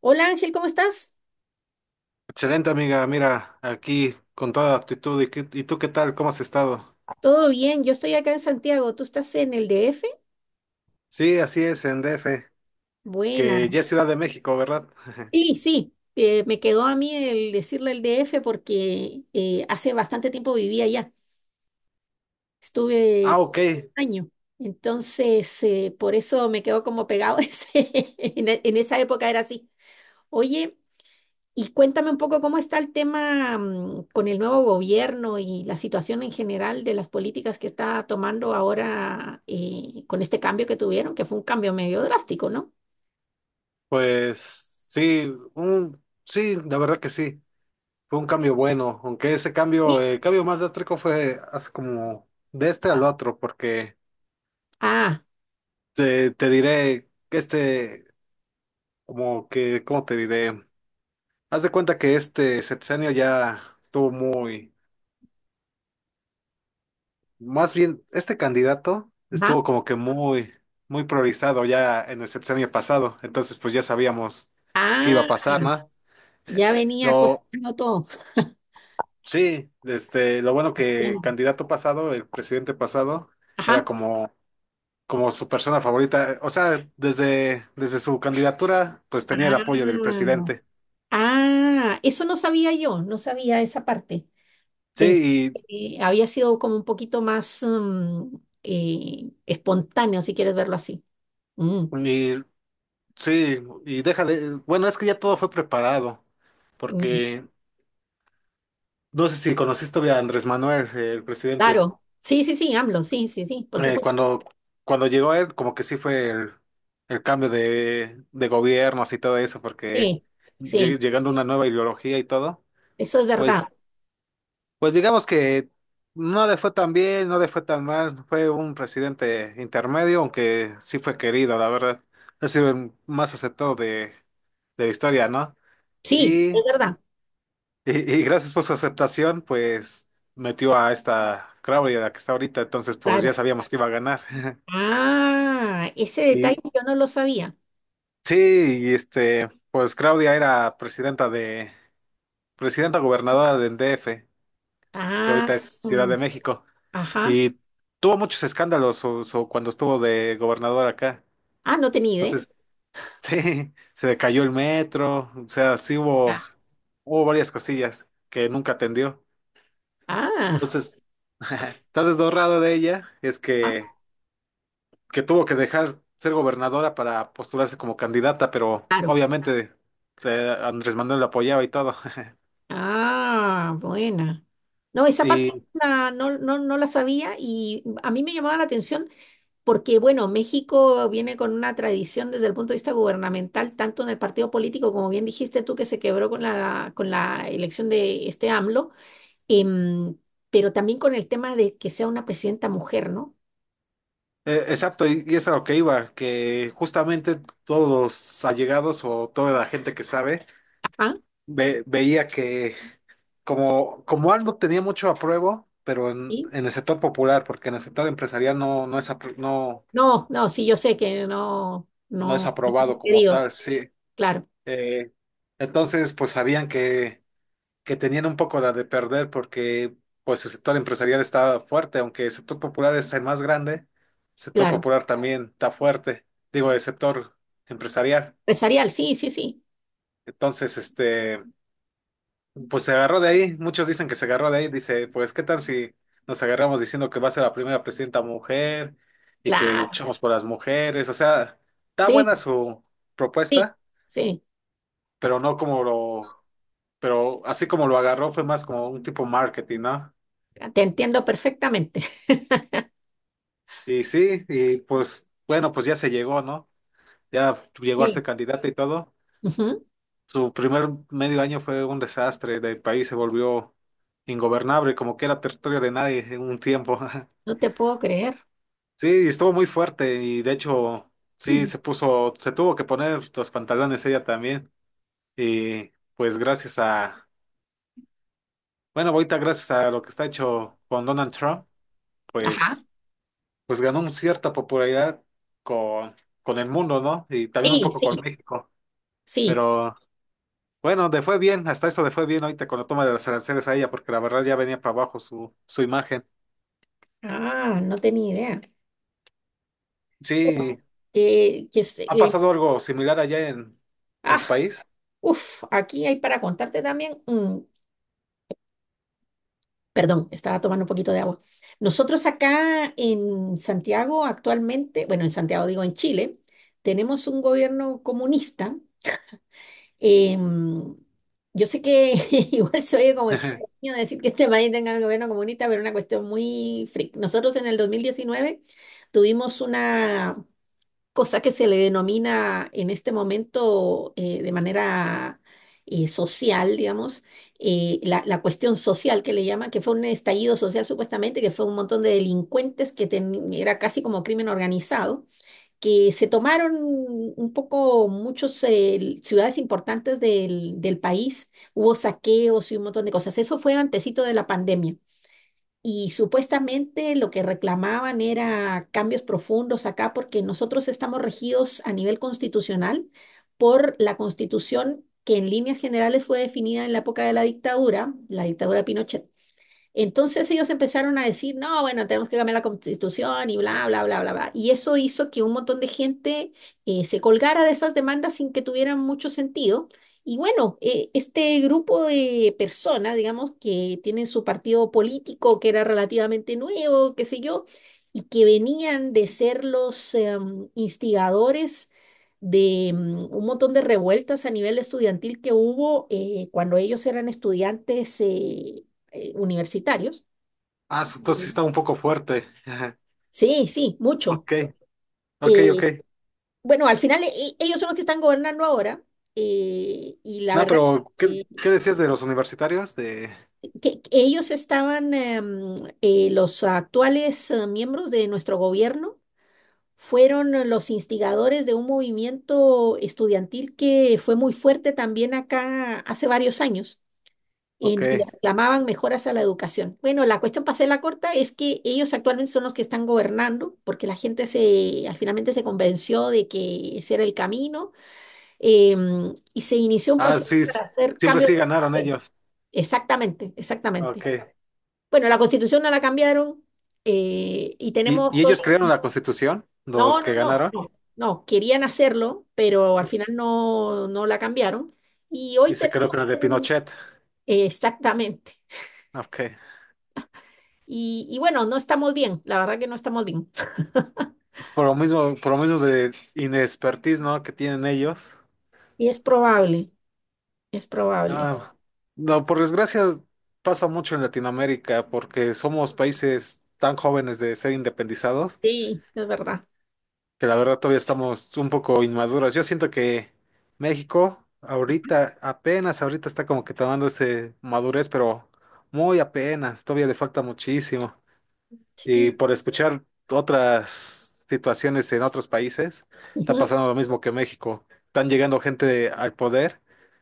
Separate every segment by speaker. Speaker 1: Hola Ángel, ¿cómo estás?
Speaker 2: Excelente amiga, mira, aquí con toda actitud. ¿Y tú qué tal? ¿Cómo has estado?
Speaker 1: Todo bien, yo estoy acá en Santiago, ¿tú estás en el DF?
Speaker 2: Sí, así es, en DF,
Speaker 1: Buena.
Speaker 2: que ya es Ciudad de México, ¿verdad?
Speaker 1: Sí, sí, me quedó a mí el decirle el DF porque hace bastante tiempo vivía allá,
Speaker 2: Ah,
Speaker 1: estuve
Speaker 2: ok,
Speaker 1: un año, entonces por eso me quedó como pegado ese, en esa época era así. Oye, y cuéntame un poco cómo está el tema con el nuevo gobierno y la situación en general de las políticas que está tomando ahora con este cambio que tuvieron, que fue un cambio medio drástico, ¿no?
Speaker 2: pues sí, sí, la verdad que sí, fue un cambio bueno, aunque ese cambio,
Speaker 1: Sí.
Speaker 2: el cambio más drástico fue hace como de este al otro, porque
Speaker 1: Ah,
Speaker 2: te diré que como que, ¿cómo te diré? Haz de cuenta que este sexenio ya estuvo muy. Más bien, este candidato
Speaker 1: ajá.
Speaker 2: estuvo como que muy, muy priorizado ya en el sexenio pasado, entonces pues ya sabíamos qué iba a
Speaker 1: Ah,
Speaker 2: pasar, ¿no?
Speaker 1: ya venía
Speaker 2: Lo,
Speaker 1: cocinando todo.
Speaker 2: sí, lo bueno que
Speaker 1: Bien.
Speaker 2: candidato pasado, el presidente pasado, era
Speaker 1: Ajá.
Speaker 2: como su persona favorita, o sea, desde su candidatura, pues tenía el apoyo del
Speaker 1: Ah,
Speaker 2: presidente.
Speaker 1: ah, eso no sabía yo, no sabía esa parte. Pensé
Speaker 2: Sí,
Speaker 1: que había sido como un poquito más espontáneo, si quieres verlo así. Mm,
Speaker 2: y sí, y déjale, bueno, es que ya todo fue preparado,
Speaker 1: mm.
Speaker 2: porque no sé si conociste a Andrés Manuel, el presidente.
Speaker 1: Claro, sí, sí, sí, AMLO, sí, sí, sí, por
Speaker 2: eh,
Speaker 1: supuesto.
Speaker 2: cuando, cuando llegó él, como que sí fue el cambio de gobiernos y todo eso, porque
Speaker 1: Sí, sí,
Speaker 2: llegando una nueva ideología y todo,
Speaker 1: eso es verdad.
Speaker 2: pues, pues digamos que no le fue tan bien, no le fue tan mal, fue un presidente intermedio, aunque sí fue querido, la verdad. Ha sido el más aceptado de la historia, ¿no?
Speaker 1: Sí,
Speaker 2: Y,
Speaker 1: es verdad,
Speaker 2: y gracias por su aceptación, pues metió a esta Crowley, a la que está ahorita, entonces pues ya
Speaker 1: claro.
Speaker 2: sabíamos que iba a ganar.
Speaker 1: Ah, ese detalle
Speaker 2: Y,
Speaker 1: yo no lo sabía.
Speaker 2: Sí, pues Claudia era presidenta gobernadora del DF, que
Speaker 1: Ah,
Speaker 2: ahorita es Ciudad
Speaker 1: mm,
Speaker 2: de México,
Speaker 1: ajá.
Speaker 2: y tuvo muchos escándalos cuando estuvo de gobernadora acá.
Speaker 1: Ah, no tenía idea.
Speaker 2: Entonces, sí, se le cayó el metro, o sea, sí hubo, varias cosillas que nunca atendió.
Speaker 1: Ah,
Speaker 2: Entonces, entonces lo raro de ella es
Speaker 1: ah,
Speaker 2: que tuvo que dejar ser gobernadora para postularse como candidata, pero
Speaker 1: claro.
Speaker 2: obviamente Andrés Manuel la apoyaba y todo.
Speaker 1: Ah, buena. No, esa parte
Speaker 2: y
Speaker 1: no, no, no la sabía y a mí me llamaba la atención, porque, bueno, México viene con una tradición desde el punto de vista gubernamental, tanto en el partido político, como bien dijiste tú, que se quebró con con la elección de este AMLO, em, pero también con el tema de que sea una presidenta mujer, ¿no?
Speaker 2: Exacto, y es a lo que iba, que justamente todos los allegados o toda la gente que sabe
Speaker 1: Ajá.
Speaker 2: veía que como, como algo tenía mucho apruebo, pero en,
Speaker 1: ¿Sí?
Speaker 2: en el sector popular, porque en el sector empresarial no es, no,
Speaker 1: No, no, sí, yo sé que no,
Speaker 2: no es
Speaker 1: no, no
Speaker 2: aprobado
Speaker 1: he
Speaker 2: como
Speaker 1: querido,
Speaker 2: tal, sí.
Speaker 1: claro,
Speaker 2: Eh, entonces, pues sabían que tenían un poco la de perder porque pues el sector empresarial está fuerte, aunque el sector popular es el más grande, el sector
Speaker 1: claro.
Speaker 2: popular también está fuerte, digo, el sector empresarial.
Speaker 1: Empresarial, sí, sí, sí,
Speaker 2: Entonces, pues se agarró de ahí. Muchos dicen que se agarró de ahí. Dice, pues, ¿qué tal si nos agarramos diciendo que va a ser la primera presidenta mujer y que
Speaker 1: claro,
Speaker 2: luchamos por las mujeres? O sea, está buena
Speaker 1: sí,
Speaker 2: su
Speaker 1: sí,
Speaker 2: propuesta,
Speaker 1: sí,
Speaker 2: pero no como lo, pero así como lo agarró fue más como un tipo marketing, ¿no?
Speaker 1: te entiendo perfectamente.
Speaker 2: Y sí, y pues, bueno, pues ya se llegó, ¿no? Ya llegó a ser
Speaker 1: Sí.
Speaker 2: candidata y todo.
Speaker 1: Ujú.
Speaker 2: Su primer medio año fue un desastre, el país se volvió ingobernable, como que era territorio de nadie en un tiempo.
Speaker 1: No te puedo creer.
Speaker 2: Sí, estuvo muy fuerte y de hecho sí se tuvo que poner los pantalones ella también. Y pues bueno, ahorita gracias a lo que está hecho con Donald Trump,
Speaker 1: Ajá.
Speaker 2: pues, pues ganó una cierta popularidad con, con el mundo, ¿no? Y también un
Speaker 1: Sí,
Speaker 2: poco con
Speaker 1: sí.
Speaker 2: México.
Speaker 1: Sí.
Speaker 2: Pero bueno, le fue bien, hasta eso le fue bien ahorita con la toma de los aranceles a ella, porque la verdad ya venía para abajo su, su imagen.
Speaker 1: Ah, no tenía idea.
Speaker 2: Sí,
Speaker 1: Que, que se-
Speaker 2: ¿ha
Speaker 1: eh,
Speaker 2: pasado algo similar allá en tu
Speaker 1: ah,
Speaker 2: país?
Speaker 1: uf, aquí hay para contarte también. Perdón, estaba tomando un poquito de agua. Nosotros acá en Santiago actualmente, bueno, en Santiago digo en Chile, tenemos un gobierno comunista. em, yo sé que igual se oye como extraño decir que este país tenga un gobierno comunista, pero es una cuestión muy freak. Nosotros en el 2019 tuvimos una cosa que se le denomina en este momento de manera social, digamos, la cuestión social que le llaman, que fue un estallido social supuestamente, que fue un montón de delincuentes que era casi como crimen organizado, que se tomaron un poco muchas ciudades importantes del país, hubo saqueos y un montón de cosas. Eso fue antecito de la pandemia. Y supuestamente lo que reclamaban era cambios profundos acá, porque nosotros estamos regidos a nivel constitucional por la constitución que en líneas generales fue definida en la época de la dictadura de Pinochet. Entonces ellos empezaron a decir, no, bueno, tenemos que cambiar la constitución y bla, bla, bla, bla, bla. Y eso hizo que un montón de gente se colgara de esas demandas sin que tuvieran mucho sentido. Y bueno, este grupo de personas, digamos, que tienen su partido político, que era relativamente nuevo, qué sé yo, y que venían de ser los instigadores de un montón de revueltas a nivel estudiantil que hubo cuando ellos eran estudiantes universitarios.
Speaker 2: Ah, su tos sí está un poco fuerte.
Speaker 1: Sí, sí, mucho.
Speaker 2: Ok, ok, ok.
Speaker 1: Eh, bueno, al final ellos son los que están gobernando ahora, y la
Speaker 2: No,
Speaker 1: verdad es
Speaker 2: pero ¿qué,
Speaker 1: que,
Speaker 2: qué decías de los universitarios? De.
Speaker 1: que ellos estaban, los actuales miembros de nuestro gobierno fueron los instigadores de un movimiento estudiantil que fue muy fuerte también acá hace varios años.
Speaker 2: Ok.
Speaker 1: Le reclamaban mejoras a la educación. Bueno, la cuestión para la corta es que ellos actualmente son los que están gobernando, porque la gente se, al finalmente se convenció de que ese era el camino, y se inició un
Speaker 2: Ah,
Speaker 1: proceso
Speaker 2: sí,
Speaker 1: para hacer
Speaker 2: siempre
Speaker 1: cambios.
Speaker 2: sí ganaron ellos.
Speaker 1: Exactamente, exactamente.
Speaker 2: Ok.
Speaker 1: Bueno, la constitución no la cambiaron, y
Speaker 2: ¿Y
Speaker 1: tenemos hoy.
Speaker 2: ellos crearon la constitución? Los
Speaker 1: No, no,
Speaker 2: que
Speaker 1: no,
Speaker 2: ganaron.
Speaker 1: no, no, querían hacerlo, pero al final no, no la cambiaron. Y hoy
Speaker 2: Y se
Speaker 1: tenemos
Speaker 2: creó con la de
Speaker 1: un-
Speaker 2: Pinochet.
Speaker 1: Exactamente.
Speaker 2: Ok.
Speaker 1: Y bueno, no estamos bien, la verdad que no estamos bien.
Speaker 2: Por lo mismo de inexpertise, ¿no? Que tienen ellos.
Speaker 1: Y es probable, es probable.
Speaker 2: Ah, no, por desgracia pasa mucho en Latinoamérica porque somos países tan jóvenes de ser independizados
Speaker 1: Sí, es verdad.
Speaker 2: que la verdad todavía estamos un poco inmaduros. Yo siento que México ahorita, apenas ahorita está como que tomando ese madurez, pero muy apenas, todavía le falta muchísimo. Y
Speaker 1: Sí,
Speaker 2: por escuchar otras situaciones en otros países, está
Speaker 1: ujú.
Speaker 2: pasando lo mismo que México. Están llegando gente al poder,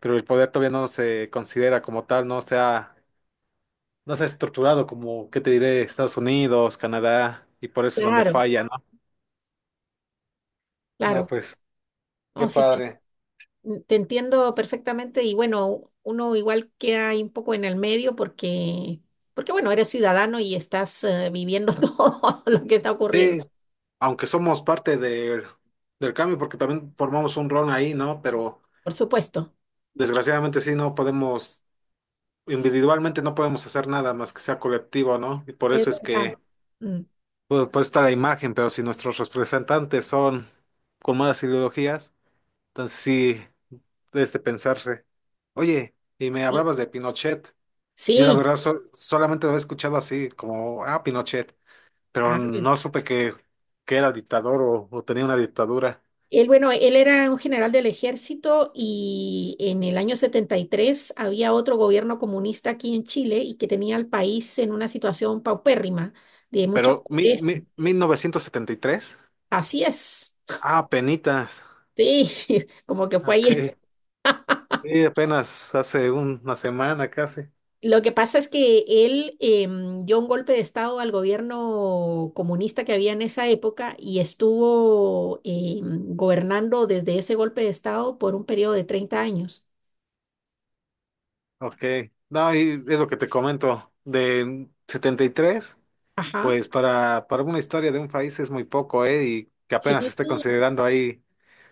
Speaker 2: pero el poder todavía no se considera como tal, no se ha estructurado como, ¿qué te diré? Estados Unidos, Canadá, y por eso es donde
Speaker 1: Claro,
Speaker 2: falla, ¿no? No,
Speaker 1: claro.
Speaker 2: pues, qué
Speaker 1: No, sí, te,
Speaker 2: padre.
Speaker 1: te entiendo perfectamente y bueno, uno igual queda ahí un poco en el medio porque, porque bueno, eres ciudadano y estás viviendo todo lo que está ocurriendo,
Speaker 2: Sí, aunque somos parte del cambio, porque también formamos un rol ahí, ¿no? Pero
Speaker 1: por supuesto.
Speaker 2: desgraciadamente sí, no podemos, individualmente no podemos hacer nada más que sea colectivo, ¿no? Y por
Speaker 1: Es
Speaker 2: eso es
Speaker 1: verdad.
Speaker 2: que
Speaker 1: Mm.
Speaker 2: Pues, pues está la imagen, pero si nuestros representantes son con malas ideologías, entonces sí, es de pensarse. Oye, y me
Speaker 1: Sí,
Speaker 2: hablabas de Pinochet. Yo la
Speaker 1: sí.
Speaker 2: verdad solamente lo he escuchado así, como, ah, Pinochet, pero
Speaker 1: Ah,
Speaker 2: no supe que, era dictador o tenía una dictadura.
Speaker 1: él, bueno, él era un general del ejército y en el año 73 había otro gobierno comunista aquí en Chile y que tenía al país en una situación paupérrima, de mucha
Speaker 2: Pero
Speaker 1: pobreza.
Speaker 2: 1973.
Speaker 1: Así es,
Speaker 2: Ah, penitas,
Speaker 1: sí, como que fue ayer.
Speaker 2: ok, y apenas hace una semana casi,
Speaker 1: Lo que pasa es que él dio un golpe de estado al gobierno comunista que había en esa época y estuvo gobernando desde ese golpe de estado por un periodo de 30 años.
Speaker 2: ok. No, y es lo que te comento, de 73.
Speaker 1: Ajá,
Speaker 2: Pues para una historia de un país es muy poco, ¿eh? Y que
Speaker 1: sí,
Speaker 2: apenas esté considerando ahí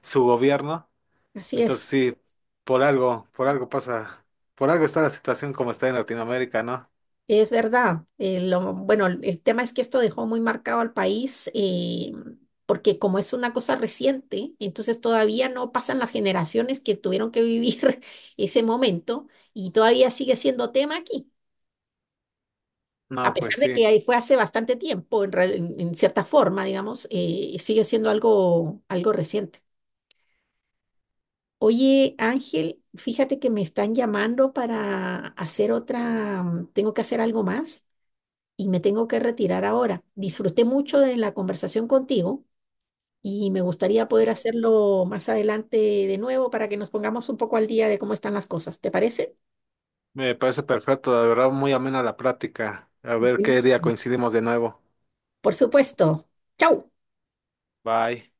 Speaker 2: su gobierno.
Speaker 1: así
Speaker 2: Entonces
Speaker 1: es.
Speaker 2: sí, por algo pasa, por algo está la situación como está en Latinoamérica, ¿no?
Speaker 1: Es verdad. Bueno, el tema es que esto dejó muy marcado al país, porque como es una cosa reciente, entonces todavía no pasan las generaciones que tuvieron que vivir ese momento y todavía sigue siendo tema aquí. A
Speaker 2: No,
Speaker 1: pesar
Speaker 2: pues
Speaker 1: de
Speaker 2: sí,
Speaker 1: que ahí fue hace bastante tiempo, en cierta forma, digamos, sigue siendo algo, algo reciente. Oye, Ángel, fíjate que me están llamando para hacer otra, tengo que hacer algo más. Y me tengo que retirar ahora. Disfruté mucho de la conversación contigo y me gustaría poder hacerlo más adelante de nuevo para que nos pongamos un poco al día de cómo están las cosas. ¿Te parece?
Speaker 2: me parece perfecto, la verdad, muy amena la práctica. A ver qué día
Speaker 1: Buenísimo.
Speaker 2: coincidimos de nuevo.
Speaker 1: Por supuesto. Chau.
Speaker 2: Bye.